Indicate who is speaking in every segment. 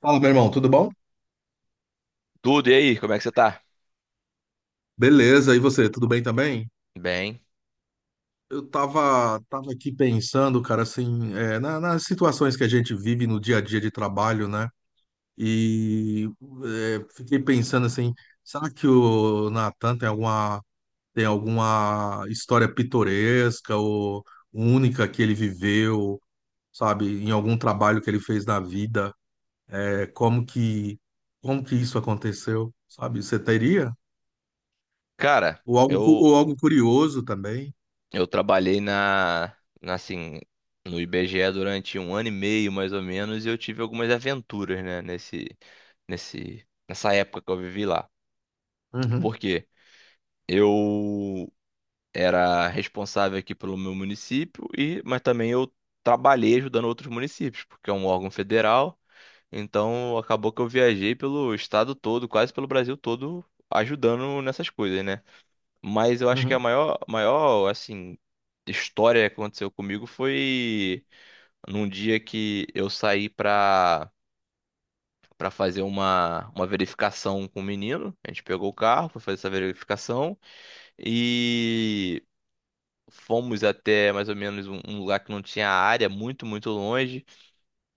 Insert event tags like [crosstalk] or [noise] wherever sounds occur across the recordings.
Speaker 1: Fala, meu irmão, tudo bom?
Speaker 2: Tudo, e aí, como é que você tá?
Speaker 1: Beleza, e você, tudo bem também?
Speaker 2: Bem,
Speaker 1: Eu tava aqui pensando, cara, assim, nas situações que a gente vive no dia a dia de trabalho, né? E fiquei pensando assim, será que o Natan tem alguma história pitoresca ou única que ele viveu, sabe, em algum trabalho que ele fez na vida? É, como que, como que isso aconteceu, sabe? Você teria?
Speaker 2: cara,
Speaker 1: Ou algo,
Speaker 2: eu
Speaker 1: ou algo curioso também?
Speaker 2: eu trabalhei na, assim no IBGE durante um ano e meio mais ou menos e eu tive algumas aventuras, né, nesse nesse nessa época que eu vivi lá.
Speaker 1: Uhum.
Speaker 2: Por quê? Eu era responsável aqui pelo meu município e mas também eu trabalhei ajudando outros municípios, porque é um órgão federal. Então acabou que eu viajei pelo estado todo, quase pelo Brasil todo, ajudando nessas coisas, né? Mas eu acho que a
Speaker 1: Uhum.
Speaker 2: maior, maior, assim, história que aconteceu comigo foi num dia que eu saí pra fazer uma verificação com o menino. A gente pegou o carro, foi fazer essa verificação e fomos até mais ou menos um lugar que não tinha área, muito, muito longe.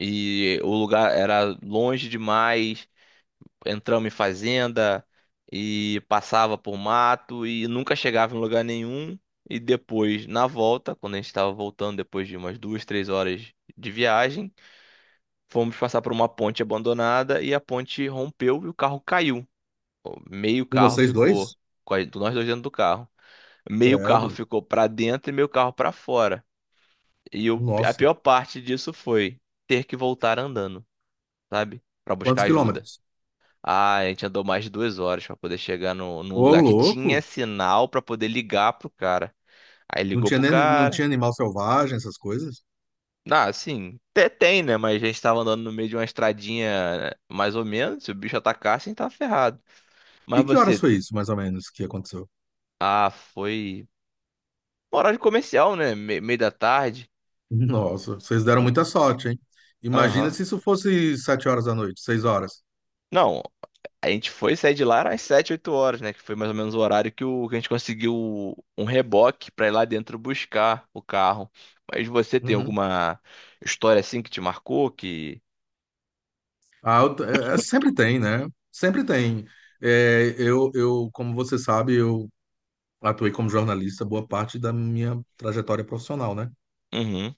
Speaker 2: E o lugar era longe demais. Entramos em fazenda e passava por mato e nunca chegava em lugar nenhum. E depois, na volta, quando a gente estava voltando, depois de umas 2, 3 horas de viagem, fomos passar por uma ponte abandonada e a ponte rompeu e o carro caiu. Meio
Speaker 1: Com
Speaker 2: carro
Speaker 1: vocês
Speaker 2: ficou,
Speaker 1: dois?
Speaker 2: nós dois dentro do carro. Meio carro
Speaker 1: Credo.
Speaker 2: ficou para dentro e meio carro para fora. E a
Speaker 1: Nossa.
Speaker 2: pior parte disso foi ter que voltar andando, sabe? Para buscar
Speaker 1: Quantos
Speaker 2: ajuda.
Speaker 1: quilômetros?
Speaker 2: Ah, a gente andou mais de 2 horas pra poder chegar no, num
Speaker 1: Ô,
Speaker 2: lugar que
Speaker 1: louco!
Speaker 2: tinha sinal pra poder ligar pro cara. Aí
Speaker 1: Não
Speaker 2: ligou
Speaker 1: tinha
Speaker 2: pro
Speaker 1: nem, não
Speaker 2: cara.
Speaker 1: tinha animal selvagem, essas coisas?
Speaker 2: Ah, assim, até tem, né? Mas a gente tava andando no meio de uma estradinha mais ou menos. Se o bicho atacasse, a gente tava ferrado.
Speaker 1: E
Speaker 2: Mas
Speaker 1: que horas
Speaker 2: você.
Speaker 1: foi isso, mais ou menos, que aconteceu?
Speaker 2: Ah, foi. Horário comercial, né? Meio da tarde.
Speaker 1: Nossa, vocês deram muita sorte, hein? Imagina
Speaker 2: Aham.
Speaker 1: se isso fosse 7 horas da noite, 6 horas.
Speaker 2: Não. A gente foi sair de lá às 7 8 horas, né? Que foi mais ou menos o horário que a gente conseguiu um reboque pra ir lá dentro buscar o carro. Mas você tem
Speaker 1: Uhum.
Speaker 2: alguma história assim que te marcou? Que.
Speaker 1: Ah, sempre tem, né? Sempre tem. Eu, como você sabe, eu atuei como jornalista boa parte da minha trajetória profissional, né?
Speaker 2: Uhum,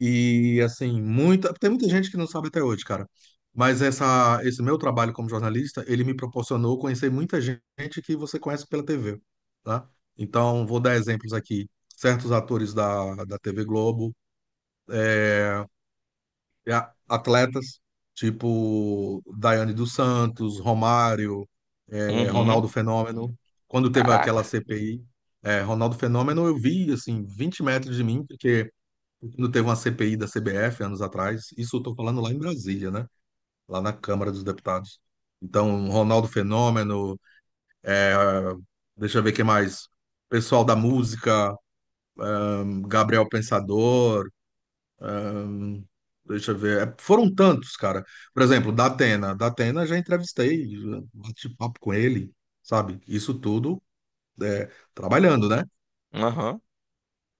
Speaker 1: E assim, tem muita gente que não sabe até hoje, cara. Mas esse meu trabalho como jornalista, ele me proporcionou conhecer muita gente que você conhece pela TV, tá? Então, vou dar exemplos aqui. Certos atores da TV Globo, e atletas, tipo Daiane dos Santos, Romário,
Speaker 2: uhum,
Speaker 1: Ronaldo Fenômeno. Quando teve aquela
Speaker 2: caraca.
Speaker 1: CPI, Ronaldo Fenômeno, eu vi, assim, 20 metros de mim, porque quando teve uma CPI da CBF anos atrás, isso eu estou falando lá em Brasília, né? Lá na Câmara dos Deputados. Então, Ronaldo Fenômeno, deixa eu ver quem mais. Pessoal da música, Gabriel Pensador, hum, deixa eu ver. Foram tantos, cara. Por exemplo, da Atena. Da Atena já entrevistei, já bati papo com ele, sabe? Isso tudo é, trabalhando, né?
Speaker 2: Aham,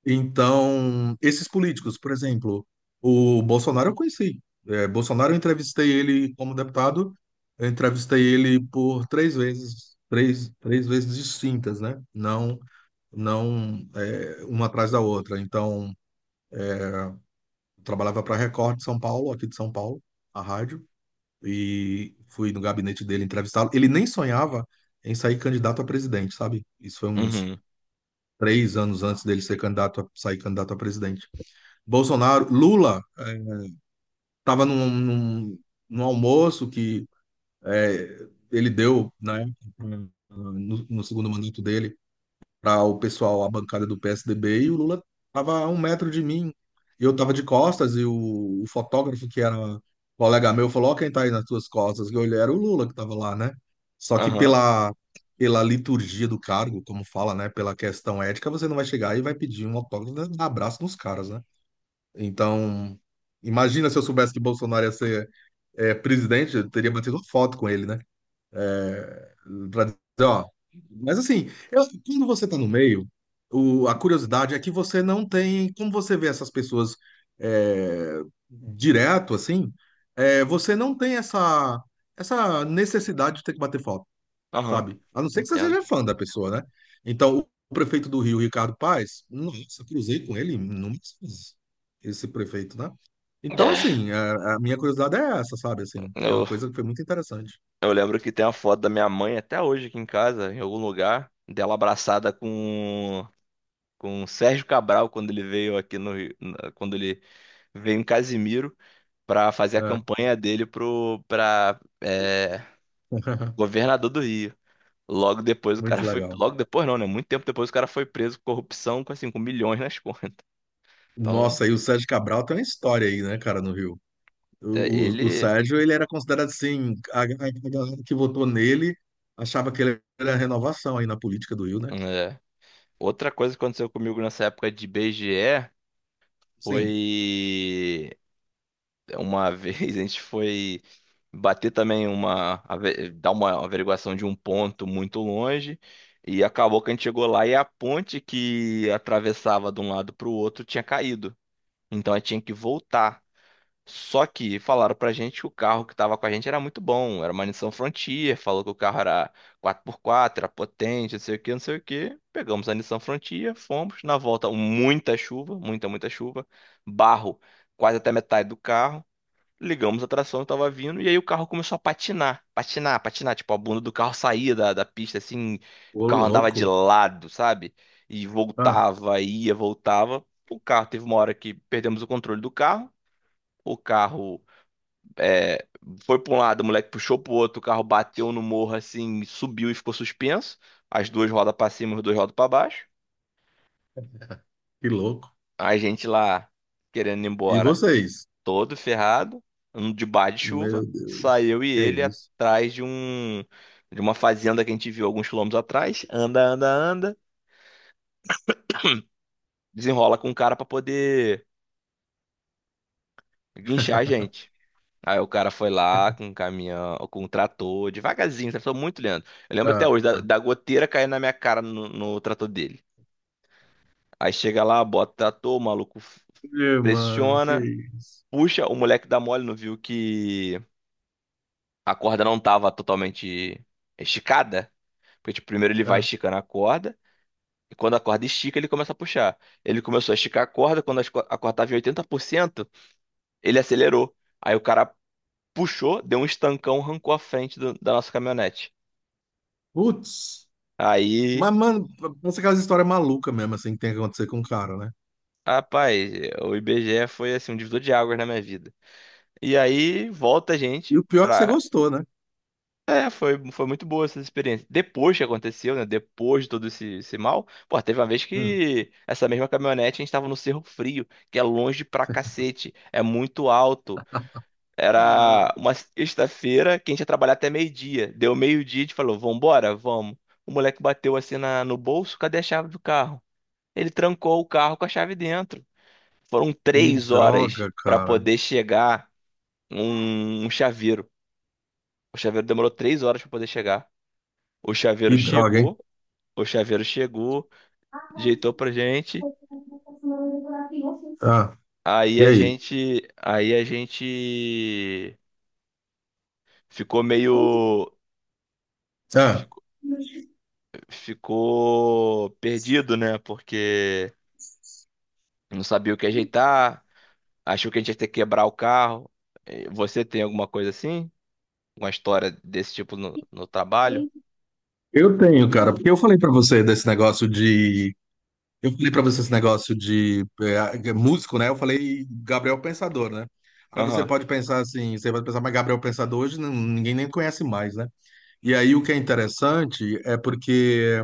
Speaker 1: Então, esses políticos, por exemplo, o Bolsonaro eu conheci. É, Bolsonaro eu entrevistei ele como deputado, eu entrevistei ele por 3 vezes, 3 vezes distintas, né? Não, não é, uma atrás da outra. Então, eu trabalhava para a Record de São Paulo, aqui de São Paulo, a rádio, e fui no gabinete dele entrevistá-lo. Ele nem sonhava em sair candidato a presidente, sabe? Isso foi uns
Speaker 2: uhum,
Speaker 1: 3 anos antes dele ser candidato a, sair candidato a presidente. Bolsonaro, Lula estava num almoço que ele deu, né, no, no segundo mandato dele, para o pessoal, a bancada do PSDB, e o Lula estava a 1 metro de mim. Eu estava de costas e o fotógrafo, que era colega meu, falou: Ó, quem está aí nas tuas costas? Que eu olhei, era o Lula que estava lá, né? Só que
Speaker 2: aham,
Speaker 1: pela, pela liturgia do cargo, como fala, né, pela questão ética, você não vai chegar e vai pedir um autógrafo, né, dar abraço nos caras, né? Então, imagina se eu soubesse que Bolsonaro ia ser presidente, eu teria batido uma foto com ele, né? Pra dizer, ó. Mas assim, quando você tá no meio, a curiosidade é que você não tem. Como você vê essas pessoas é, direto, assim, você não tem essa, essa necessidade de ter que bater foto
Speaker 2: aham.
Speaker 1: sabe? A não ser que você
Speaker 2: Entendo.
Speaker 1: seja fã da pessoa, né? Então, o prefeito do Rio, Ricardo Paes, nossa, cruzei com ele inúmeras vezes, esse prefeito, né? Então,
Speaker 2: É,
Speaker 1: assim, a minha curiosidade é essa, sabe? Assim, que é uma
Speaker 2: Eu,
Speaker 1: coisa que foi muito interessante.
Speaker 2: eu lembro que tem uma foto da minha mãe até hoje aqui em casa, em algum lugar, dela abraçada com o Sérgio Cabral quando ele veio aqui no Rio, quando ele veio em Casimiro. Para fazer a
Speaker 1: É.
Speaker 2: campanha dele pro para
Speaker 1: [laughs]
Speaker 2: governador do Rio. Logo depois o cara
Speaker 1: Muito
Speaker 2: foi,
Speaker 1: legal.
Speaker 2: logo depois não, né? Muito tempo depois o cara foi preso por corrupção com assim, com milhões nas [laughs] contas. Então,
Speaker 1: Nossa, e o Sérgio Cabral tem uma história aí, né, cara, no Rio.
Speaker 2: é,
Speaker 1: O, o
Speaker 2: ele
Speaker 1: Sérgio, ele era considerado assim, a galera que votou nele achava que ele era renovação aí na política do Rio, né?
Speaker 2: é. Outra coisa que aconteceu comigo nessa época de BGE
Speaker 1: Sim.
Speaker 2: foi uma [laughs] vez a gente foi bater também dar uma averiguação de um ponto muito longe e acabou que a gente chegou lá e a ponte que atravessava de um lado para o outro tinha caído. Então a gente tinha que voltar. Só que falaram pra gente que o carro que tava com a gente era muito bom, era uma Nissan Frontier, falou que o carro era quatro por quatro, era potente, não sei o que, não sei o que. Pegamos a Nissan Frontier, fomos, na volta muita chuva, muita, muita chuva, barro quase até metade do carro. Ligamos a tração, eu tava vindo, e aí o carro começou a patinar, patinar, patinar. Tipo, a bunda do carro saía da pista, assim, o
Speaker 1: Ô,
Speaker 2: carro andava de
Speaker 1: louco.
Speaker 2: lado, sabe? E
Speaker 1: Ah,
Speaker 2: voltava, ia, voltava. O carro teve uma hora que perdemos o controle do carro. O carro é, foi para um lado, o moleque puxou pro outro, o carro bateu no morro, assim, subiu e ficou suspenso. As duas rodas pra cima, as duas rodas pra baixo.
Speaker 1: que louco.
Speaker 2: A gente lá, querendo ir
Speaker 1: E
Speaker 2: embora.
Speaker 1: vocês?
Speaker 2: Todo ferrado, um de bar de chuva.
Speaker 1: Meu Deus,
Speaker 2: Saiu e
Speaker 1: que
Speaker 2: ele
Speaker 1: isso?
Speaker 2: atrás de de uma fazenda que a gente viu alguns quilômetros atrás. Anda, anda, anda. Desenrola com o cara pra poder guinchar a gente. Aí o cara foi lá com um caminhão, com um trator, devagarzinho, trator muito lento. Eu lembro até
Speaker 1: Ah,
Speaker 2: hoje da goteira caindo na minha cara no trator dele. Aí chega lá, bota o trator, o maluco
Speaker 1: meu, mano, que
Speaker 2: pressiona,
Speaker 1: isso?
Speaker 2: puxa, o moleque dá mole, não viu que a corda não tava totalmente esticada. Porque, tipo, primeiro ele vai
Speaker 1: Ah,
Speaker 2: esticando a corda, e quando a corda estica, ele começa a puxar. Ele começou a esticar a corda, quando a corda estava em 80%, ele acelerou. Aí o cara puxou, deu um estancão, arrancou a frente da nossa caminhonete.
Speaker 1: putz,
Speaker 2: Aí,
Speaker 1: mas, mano, pensa aquelas histórias malucas mesmo, assim, que tem que acontecer com o cara, né?
Speaker 2: rapaz, o IBGE foi assim um divisor de águas na minha vida. E aí volta a
Speaker 1: E
Speaker 2: gente
Speaker 1: o pior é que você
Speaker 2: pra.
Speaker 1: gostou, né?
Speaker 2: É, foi muito boa essa experiência. Depois que aconteceu, né? Depois de todo esse mal, pô, teve uma vez
Speaker 1: Hum.
Speaker 2: que essa mesma caminhonete a gente tava no Cerro Frio, que é longe pra cacete, é muito alto.
Speaker 1: Ah,
Speaker 2: Era uma sexta-feira que a gente ia trabalhar até meio-dia. Deu meio-dia, a gente falou, vambora, vamos. O moleque bateu assim no bolso, cadê a chave do carro? Ele trancou o carro com a chave dentro. Foram
Speaker 1: que
Speaker 2: 3 horas
Speaker 1: droga,
Speaker 2: pra
Speaker 1: cara.
Speaker 2: poder chegar um chaveiro. O chaveiro demorou 3 horas pra poder chegar. O chaveiro
Speaker 1: Que droga, hein?
Speaker 2: chegou, o chaveiro chegou, ajeitou pra gente.
Speaker 1: Ah,
Speaker 2: Aí
Speaker 1: e
Speaker 2: a
Speaker 1: aí?
Speaker 2: gente, aí a gente ficou meio
Speaker 1: Ah,
Speaker 2: ficou ficou perdido, né? Porque não sabia o que ajeitar, achou que a gente ia ter que quebrar o carro. Você tem alguma coisa assim? Uma história desse tipo no trabalho?
Speaker 1: eu tenho, cara, porque eu falei pra você desse negócio de Eu falei pra você esse negócio de músico, né? Eu falei Gabriel Pensador, né? Aí você
Speaker 2: Aham,
Speaker 1: pode pensar assim, você vai pensar, mas Gabriel Pensador hoje ninguém nem conhece mais, né? E aí o que é interessante é porque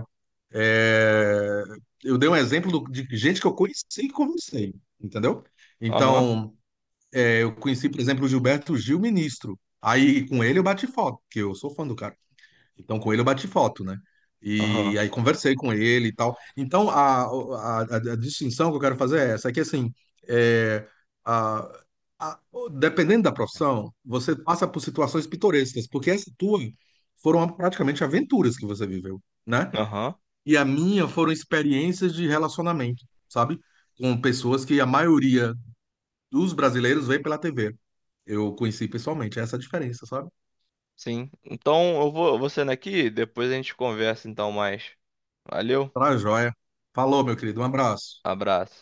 Speaker 1: é, eu dei um exemplo de gente que eu conheci e conversei, entendeu?
Speaker 2: aham,
Speaker 1: Então, eu conheci, por exemplo, o Gilberto Gil, ministro. Aí com ele eu bati foto, porque eu sou fã do cara. Então, com ele eu bati foto, né? E
Speaker 2: aham,
Speaker 1: aí conversei com ele e tal. Então, a distinção que eu quero fazer é essa, é que assim, é, a- a- dependendo da profissão, você passa por situações pitorescas, porque essa tua foram praticamente aventuras que você viveu, né?
Speaker 2: aham.
Speaker 1: E a minha foram experiências de relacionamento, sabe? Com pessoas que a maioria dos brasileiros vê pela TV. Eu conheci pessoalmente, essa é a diferença, sabe?
Speaker 2: Sim. Então eu vou saindo aqui, depois a gente conversa então mais. Valeu,
Speaker 1: Pra joia. Falou, meu querido, um abraço.
Speaker 2: abraço.